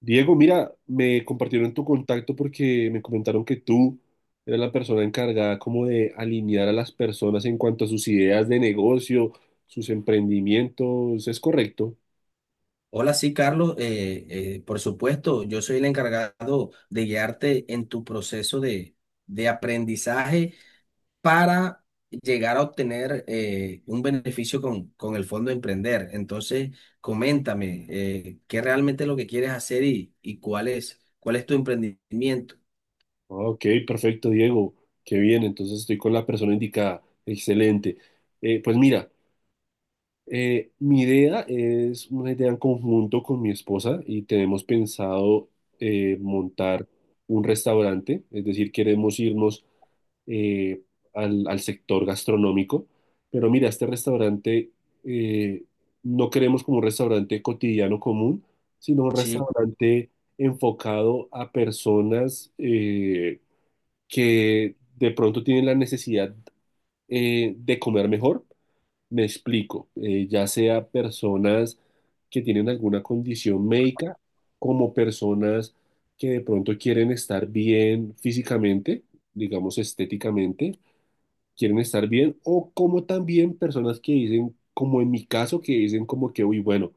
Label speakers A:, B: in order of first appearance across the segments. A: Diego, mira, me compartieron tu contacto porque me comentaron que tú eres la persona encargada como de alinear a las personas en cuanto a sus ideas de negocio, sus emprendimientos. ¿Es correcto?
B: Hola, sí, Carlos. Por supuesto, yo soy el encargado de guiarte en tu proceso de aprendizaje para llegar a obtener un beneficio con el Fondo Emprender. Entonces, coméntame, ¿qué realmente es lo que quieres hacer y cuál es tu emprendimiento?
A: Ah, Ok, perfecto, Diego. Qué bien, entonces estoy con la persona indicada. Excelente. Pues mira, mi idea es una idea en conjunto con mi esposa y tenemos pensado montar un restaurante, es decir, queremos irnos eh, al sector gastronómico. Pero mira, este restaurante, eh, no queremos como un restaurante cotidiano común, sino un
B: Sí,
A: restaurante enfocado a personas que de pronto tienen la necesidad de comer mejor. Me explico, ya sea personas que tienen alguna condición médica, como personas que de pronto quieren estar bien físicamente, digamos estéticamente, quieren estar bien, o como también personas que dicen, como en mi caso, que dicen como que, uy, bueno,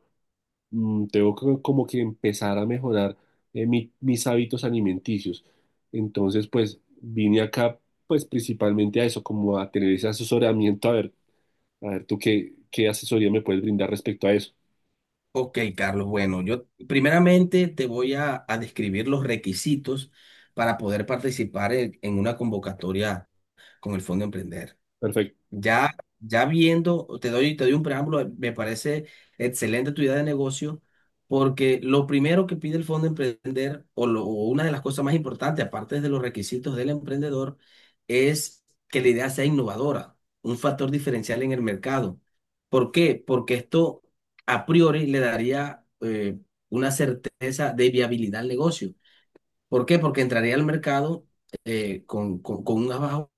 A: tengo que, como que empezar a mejorar mis hábitos alimenticios. Entonces, pues vine acá, pues principalmente a eso, como a tener ese asesoramiento, a ver tú qué, qué asesoría me puedes brindar respecto a eso.
B: ok, Carlos. Bueno, yo primeramente te voy a describir los requisitos para poder participar en una convocatoria con el Fondo Emprender.
A: Perfecto.
B: Ya viendo, te doy un preámbulo, me parece excelente tu idea de negocio, porque lo primero que pide el Fondo Emprender, o, o una de las cosas más importantes, aparte de los requisitos del emprendedor, es que la idea sea innovadora, un factor diferencial en el mercado. ¿Por qué? Porque esto a priori le daría una certeza de viabilidad al negocio. ¿Por qué? Porque entraría al mercado con un as bajo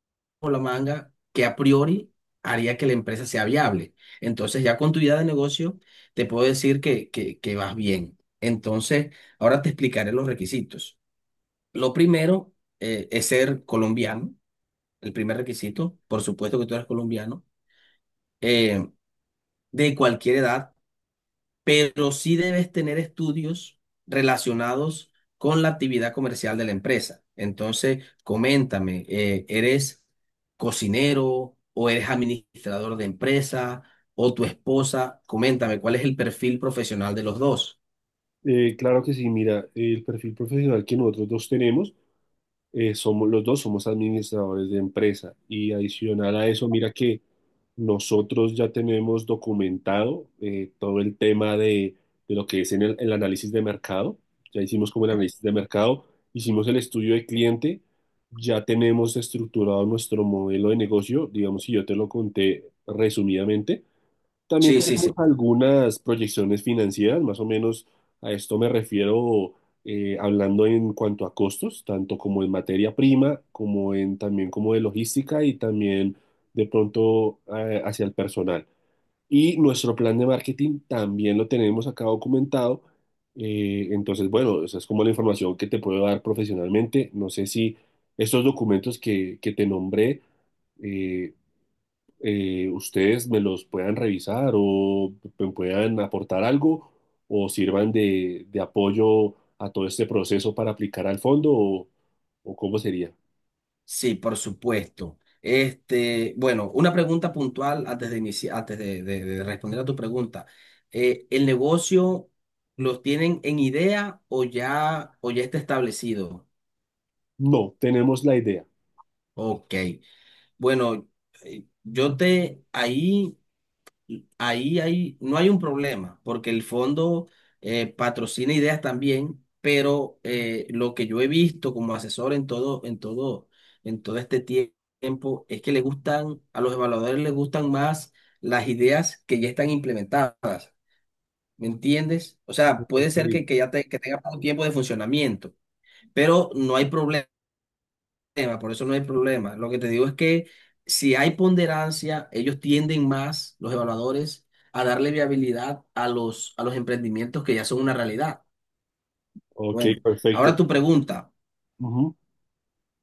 B: la manga que a priori haría que la empresa sea viable. Entonces, ya con tu idea de negocio, te puedo decir que vas bien. Entonces, ahora te explicaré los requisitos. Lo primero es ser colombiano, el primer requisito. Por supuesto que tú eres colombiano, eh, de cualquier edad, pero sí debes tener estudios relacionados con la actividad comercial de la empresa. Entonces, coméntame, ¿eres cocinero o eres administrador de empresa o tu esposa? Coméntame, ¿cuál es el perfil profesional de los dos?
A: Claro que sí, mira, el perfil profesional que nosotros dos tenemos. Somos los dos somos administradores de empresa y adicional a eso, mira que nosotros ya tenemos documentado todo el tema de lo que es en el análisis de mercado, ya hicimos como el análisis de mercado, hicimos el estudio de cliente, ya tenemos estructurado nuestro modelo de negocio, digamos, si yo te lo conté resumidamente, también
B: Sí, sí,
A: tenemos
B: sí.
A: algunas proyecciones financieras, más o menos a esto me refiero, hablando en cuanto a costos, tanto como en materia prima, como en también como de logística y también de pronto hacia el personal. Y nuestro plan de marketing también lo tenemos acá documentado. Entonces, bueno, esa es como la información que te puedo dar profesionalmente. No sé si estos documentos que te nombré, eh, ustedes me los puedan revisar o me puedan aportar algo o sirvan de apoyo a todo este proceso para aplicar al fondo o cómo sería.
B: Sí, por supuesto. Este, bueno, una pregunta puntual antes de antes de responder a tu pregunta. ¿El negocio los tienen en idea o ya está establecido?
A: No, tenemos la idea.
B: Ok, bueno, yo te, no hay un problema, porque el fondo patrocina ideas también, pero lo que yo he visto como asesor en todo este tiempo, es que le gustan, a los evaluadores les gustan más las ideas que ya están implementadas, ¿me entiendes? O sea, puede
A: Ok,
B: ser que ya que tenga poco tiempo de funcionamiento, pero no hay por eso no hay problema. Lo que te digo es que si hay ponderancia, ellos tienden más, los evaluadores, a darle viabilidad a los emprendimientos que ya son una realidad.
A: ok,
B: Bueno, ahora
A: perfecto.
B: tu pregunta.
A: Ujú.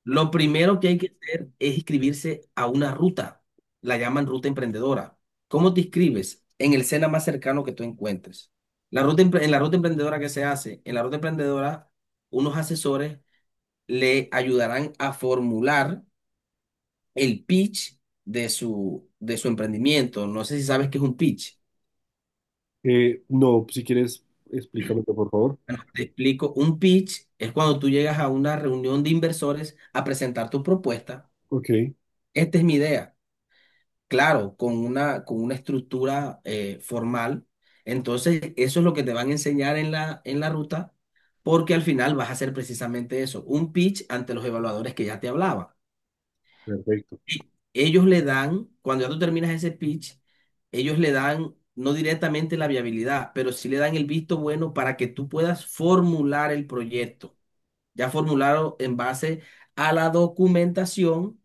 B: Lo primero que hay que hacer es inscribirse a una ruta. La llaman ruta emprendedora. ¿Cómo te inscribes? En el SENA más cercano que tú encuentres. La ruta, en la ruta emprendedora que se hace, en la ruta emprendedora, unos asesores le ayudarán a formular el pitch de su emprendimiento. No sé si sabes qué es un pitch.
A: No, si quieres, explícame por favor.
B: Te explico, un pitch es cuando tú llegas a una reunión de inversores a presentar tu propuesta.
A: Ok,
B: Esta es mi idea, claro, con una estructura formal. Entonces, eso es lo que te van a enseñar en en la ruta, porque al final vas a hacer precisamente eso, un pitch ante los evaluadores que ya te hablaba.
A: perfecto.
B: Ellos le dan, cuando ya tú terminas ese pitch, ellos le dan no directamente la viabilidad, pero sí le dan el visto bueno para que tú puedas formular el proyecto, ya formulado en base a la documentación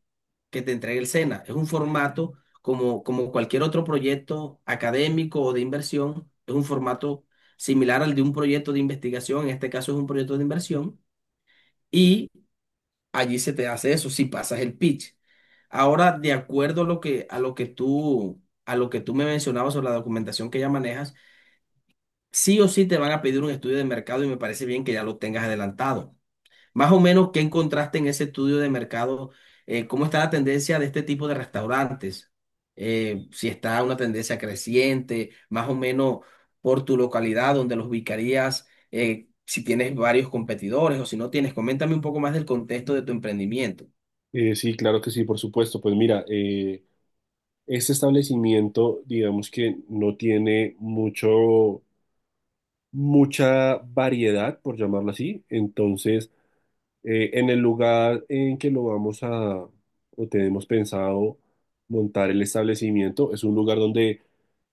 B: que te entregue el SENA. Es un formato como, como cualquier otro proyecto académico o de inversión, es un formato similar al de un proyecto de investigación, en este caso es un proyecto de inversión. Y allí se te hace eso si pasas el pitch. Ahora, de acuerdo a lo que, a lo que tú me mencionabas sobre la documentación que ya manejas, sí o sí te van a pedir un estudio de mercado y me parece bien que ya lo tengas adelantado. Más o menos, ¿qué encontraste en ese estudio de mercado? ¿Cómo está la tendencia de este tipo de restaurantes? Si está una tendencia creciente, más o menos por tu localidad donde los ubicarías, si tienes varios competidores o si no tienes, coméntame un poco más del contexto de tu emprendimiento.
A: Sí, claro que sí, por supuesto. Pues mira, este establecimiento, digamos que no tiene mucho mucha variedad, por llamarlo así. Entonces, en el lugar en que lo vamos a, o tenemos pensado montar el establecimiento, es un lugar donde,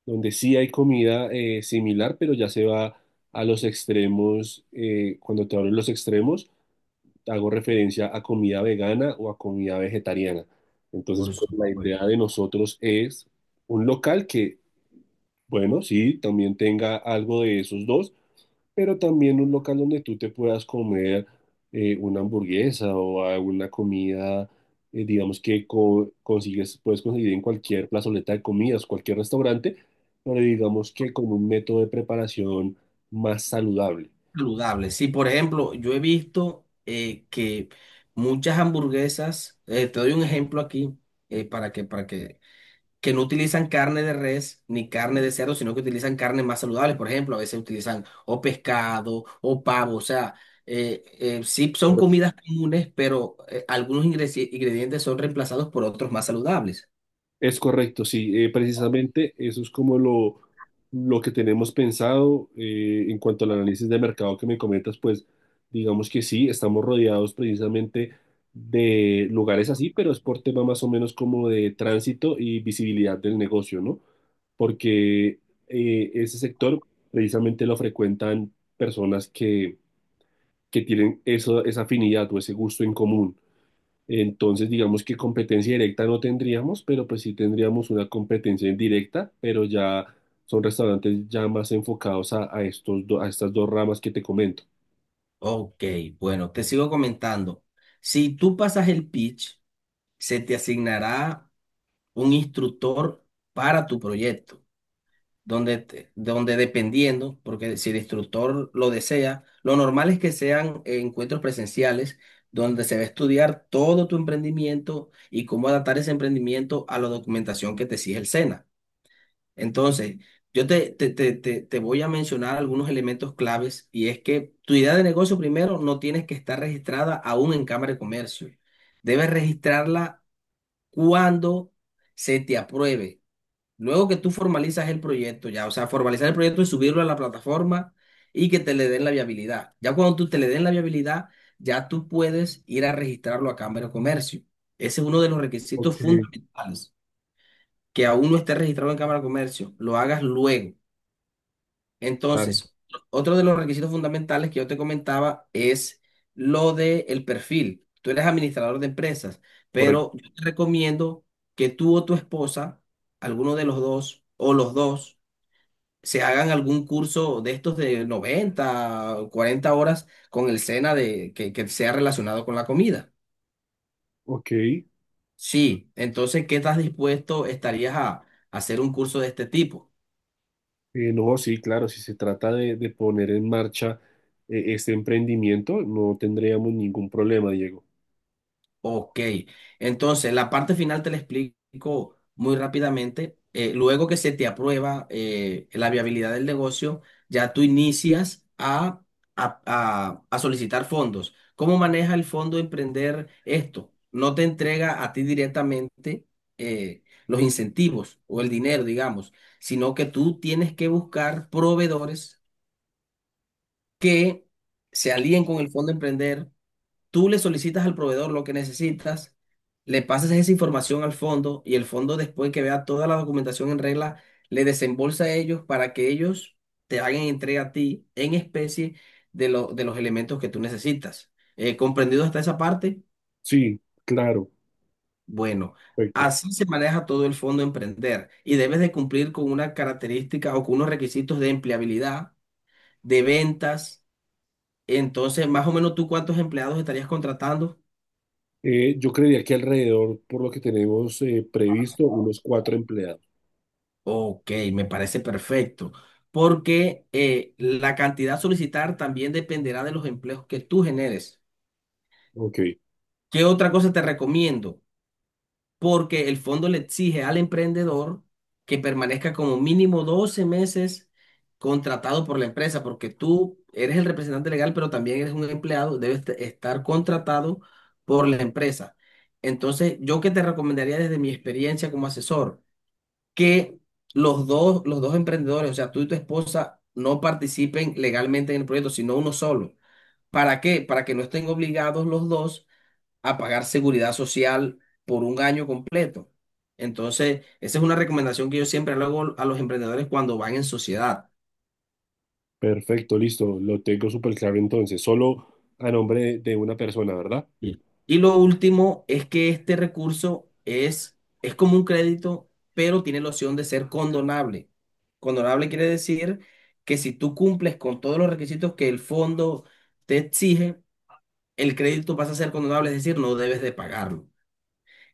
A: donde sí hay comida similar, pero ya se va a los extremos. Cuando te hablo de los extremos, hago referencia a comida vegana o a comida vegetariana. Entonces,
B: Por
A: pues, la
B: supuesto.
A: idea de nosotros es un local que, bueno, sí, también tenga algo de esos dos, pero también un local donde tú te puedas comer una hamburguesa o alguna comida, digamos que consigues, puedes conseguir en cualquier plazoleta de comidas, cualquier restaurante, pero digamos que con un método de preparación más saludable.
B: Saludable. Sí, por ejemplo, yo he visto que muchas hamburguesas, te doy un ejemplo aquí, eh, para que, para que, que no utilizan carne de res ni carne de cerdo, sino que utilizan carnes más saludables. Por ejemplo, a veces utilizan o pescado o pavo. O sea, sí son comidas comunes, pero algunos ingredientes son reemplazados por otros más saludables.
A: Es correcto, sí. Precisamente eso es como lo que tenemos pensado, en cuanto al análisis de mercado que me comentas, pues digamos que sí, estamos rodeados precisamente de lugares así, pero es por tema más o menos como de tránsito y visibilidad del negocio, ¿no? Porque ese sector precisamente lo frecuentan personas que tienen eso, esa afinidad o ese gusto en común. Entonces, digamos que competencia directa no tendríamos, pero pues sí tendríamos una competencia indirecta, pero ya son restaurantes ya más enfocados a estos a estas dos ramas que te comento.
B: Ok, bueno, te sigo comentando. Si tú pasas el pitch, se te asignará un instructor para tu proyecto, donde, donde dependiendo, porque si el instructor lo desea, lo normal es que sean encuentros presenciales donde se va a estudiar todo tu emprendimiento y cómo adaptar ese emprendimiento a la documentación que te exige el SENA. Entonces, yo te voy a mencionar algunos elementos claves, y es que tu idea de negocio primero no tienes que estar registrada aún en Cámara de Comercio. Debes registrarla cuando se te apruebe. Luego que tú formalizas el proyecto ya, o sea, formalizar el proyecto y subirlo a la plataforma y que te le den la viabilidad. Ya cuando tú te le den la viabilidad, ya tú puedes ir a registrarlo a Cámara de Comercio. Ese es uno de los
A: Ok,
B: requisitos fundamentales, que aún no esté registrado en Cámara de Comercio, lo hagas luego.
A: claro,
B: Entonces, otro de los requisitos fundamentales que yo te comentaba es lo de el perfil. Tú eres administrador de empresas,
A: correcto.
B: pero yo te recomiendo que tú o tu esposa, alguno de los dos o los dos, se hagan algún curso de estos de 90 o 40 horas con el SENA de, que sea relacionado con la comida.
A: Ok,
B: Sí, entonces, ¿qué estás dispuesto estarías a hacer un curso de este tipo?
A: no, sí, claro, si se trata de poner en marcha este emprendimiento, no tendríamos ningún problema, Diego.
B: Ok, entonces la parte final te la explico muy rápidamente. Luego que se te aprueba la viabilidad del negocio, ya tú inicias a solicitar fondos. ¿Cómo maneja el fondo Emprender esto? No te entrega a ti directamente los incentivos o el dinero, digamos, sino que tú tienes que buscar proveedores que se alíen con el fondo Emprender. Tú le solicitas al proveedor lo que necesitas, le pasas esa información al fondo y el fondo, después que vea toda la documentación en regla, le desembolsa a ellos para que ellos te hagan entrega a ti en especie de, de los elementos que tú necesitas. ¿Comprendido hasta esa parte?
A: Sí, claro,
B: Bueno,
A: perfecto.
B: así se maneja todo el fondo emprender, y debes de cumplir con una característica o con unos requisitos de empleabilidad, de ventas. Entonces, más o menos tú cuántos empleados estarías contratando.
A: Yo creería que alrededor, por lo que tenemos previsto, unos cuatro empleados.
B: Ok, me parece perfecto, porque la cantidad a solicitar también dependerá de los empleos que tú generes.
A: Ok.
B: ¿Qué otra cosa te recomiendo? Porque el fondo le exige al emprendedor que permanezca como mínimo 12 meses contratado por la empresa, porque tú eres el representante legal, pero también eres un empleado, debes estar contratado por la empresa. Entonces, ¿yo qué te recomendaría desde mi experiencia como asesor? Que los dos emprendedores, o sea, tú y tu esposa, no participen legalmente en el proyecto, sino uno solo. ¿Para qué? Para que no estén obligados los dos a pagar seguridad social por un año completo. Entonces, esa es una recomendación que yo siempre le hago a los emprendedores cuando van en sociedad.
A: Perfecto, listo. Lo tengo súper claro entonces. Solo a nombre de una persona, ¿verdad?
B: Sí. Y lo último es que este recurso es como un crédito, pero tiene la opción de ser condonable. Condonable quiere decir que si tú cumples con todos los requisitos que el fondo te exige, el crédito pasa a ser condonable, es decir, no debes de pagarlo.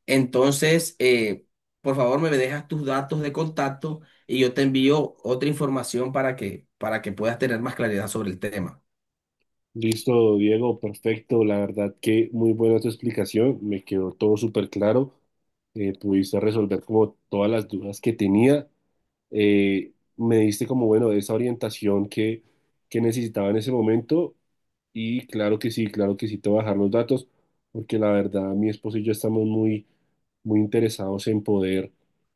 B: Entonces, por favor, me dejas tus datos de contacto y yo te envío otra información para que puedas tener más claridad sobre el tema.
A: Listo, Diego, perfecto. La verdad que muy buena tu explicación. Me quedó todo súper claro. Pudiste resolver como todas las dudas que tenía. Me diste como, bueno, esa orientación que necesitaba en ese momento y claro que sí, te voy a dejar los datos porque la verdad mi esposo y yo estamos muy, muy interesados en poder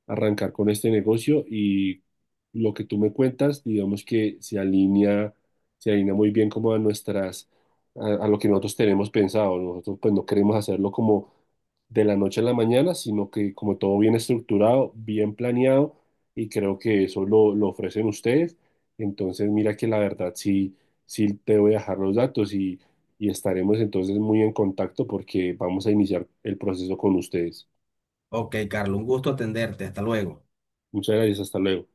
A: arrancar con este negocio y lo que tú me cuentas, digamos que se alinea muy bien como a nuestras, a lo que nosotros tenemos pensado. Nosotros pues no queremos hacerlo como de la noche a la mañana, sino que como todo bien estructurado, bien planeado y creo que eso lo ofrecen ustedes. Entonces, mira que la verdad sí, sí te voy a dejar los datos y estaremos entonces muy en contacto porque vamos a iniciar el proceso con ustedes.
B: Ok, Carlos, un gusto atenderte. Hasta luego.
A: Muchas gracias, hasta luego.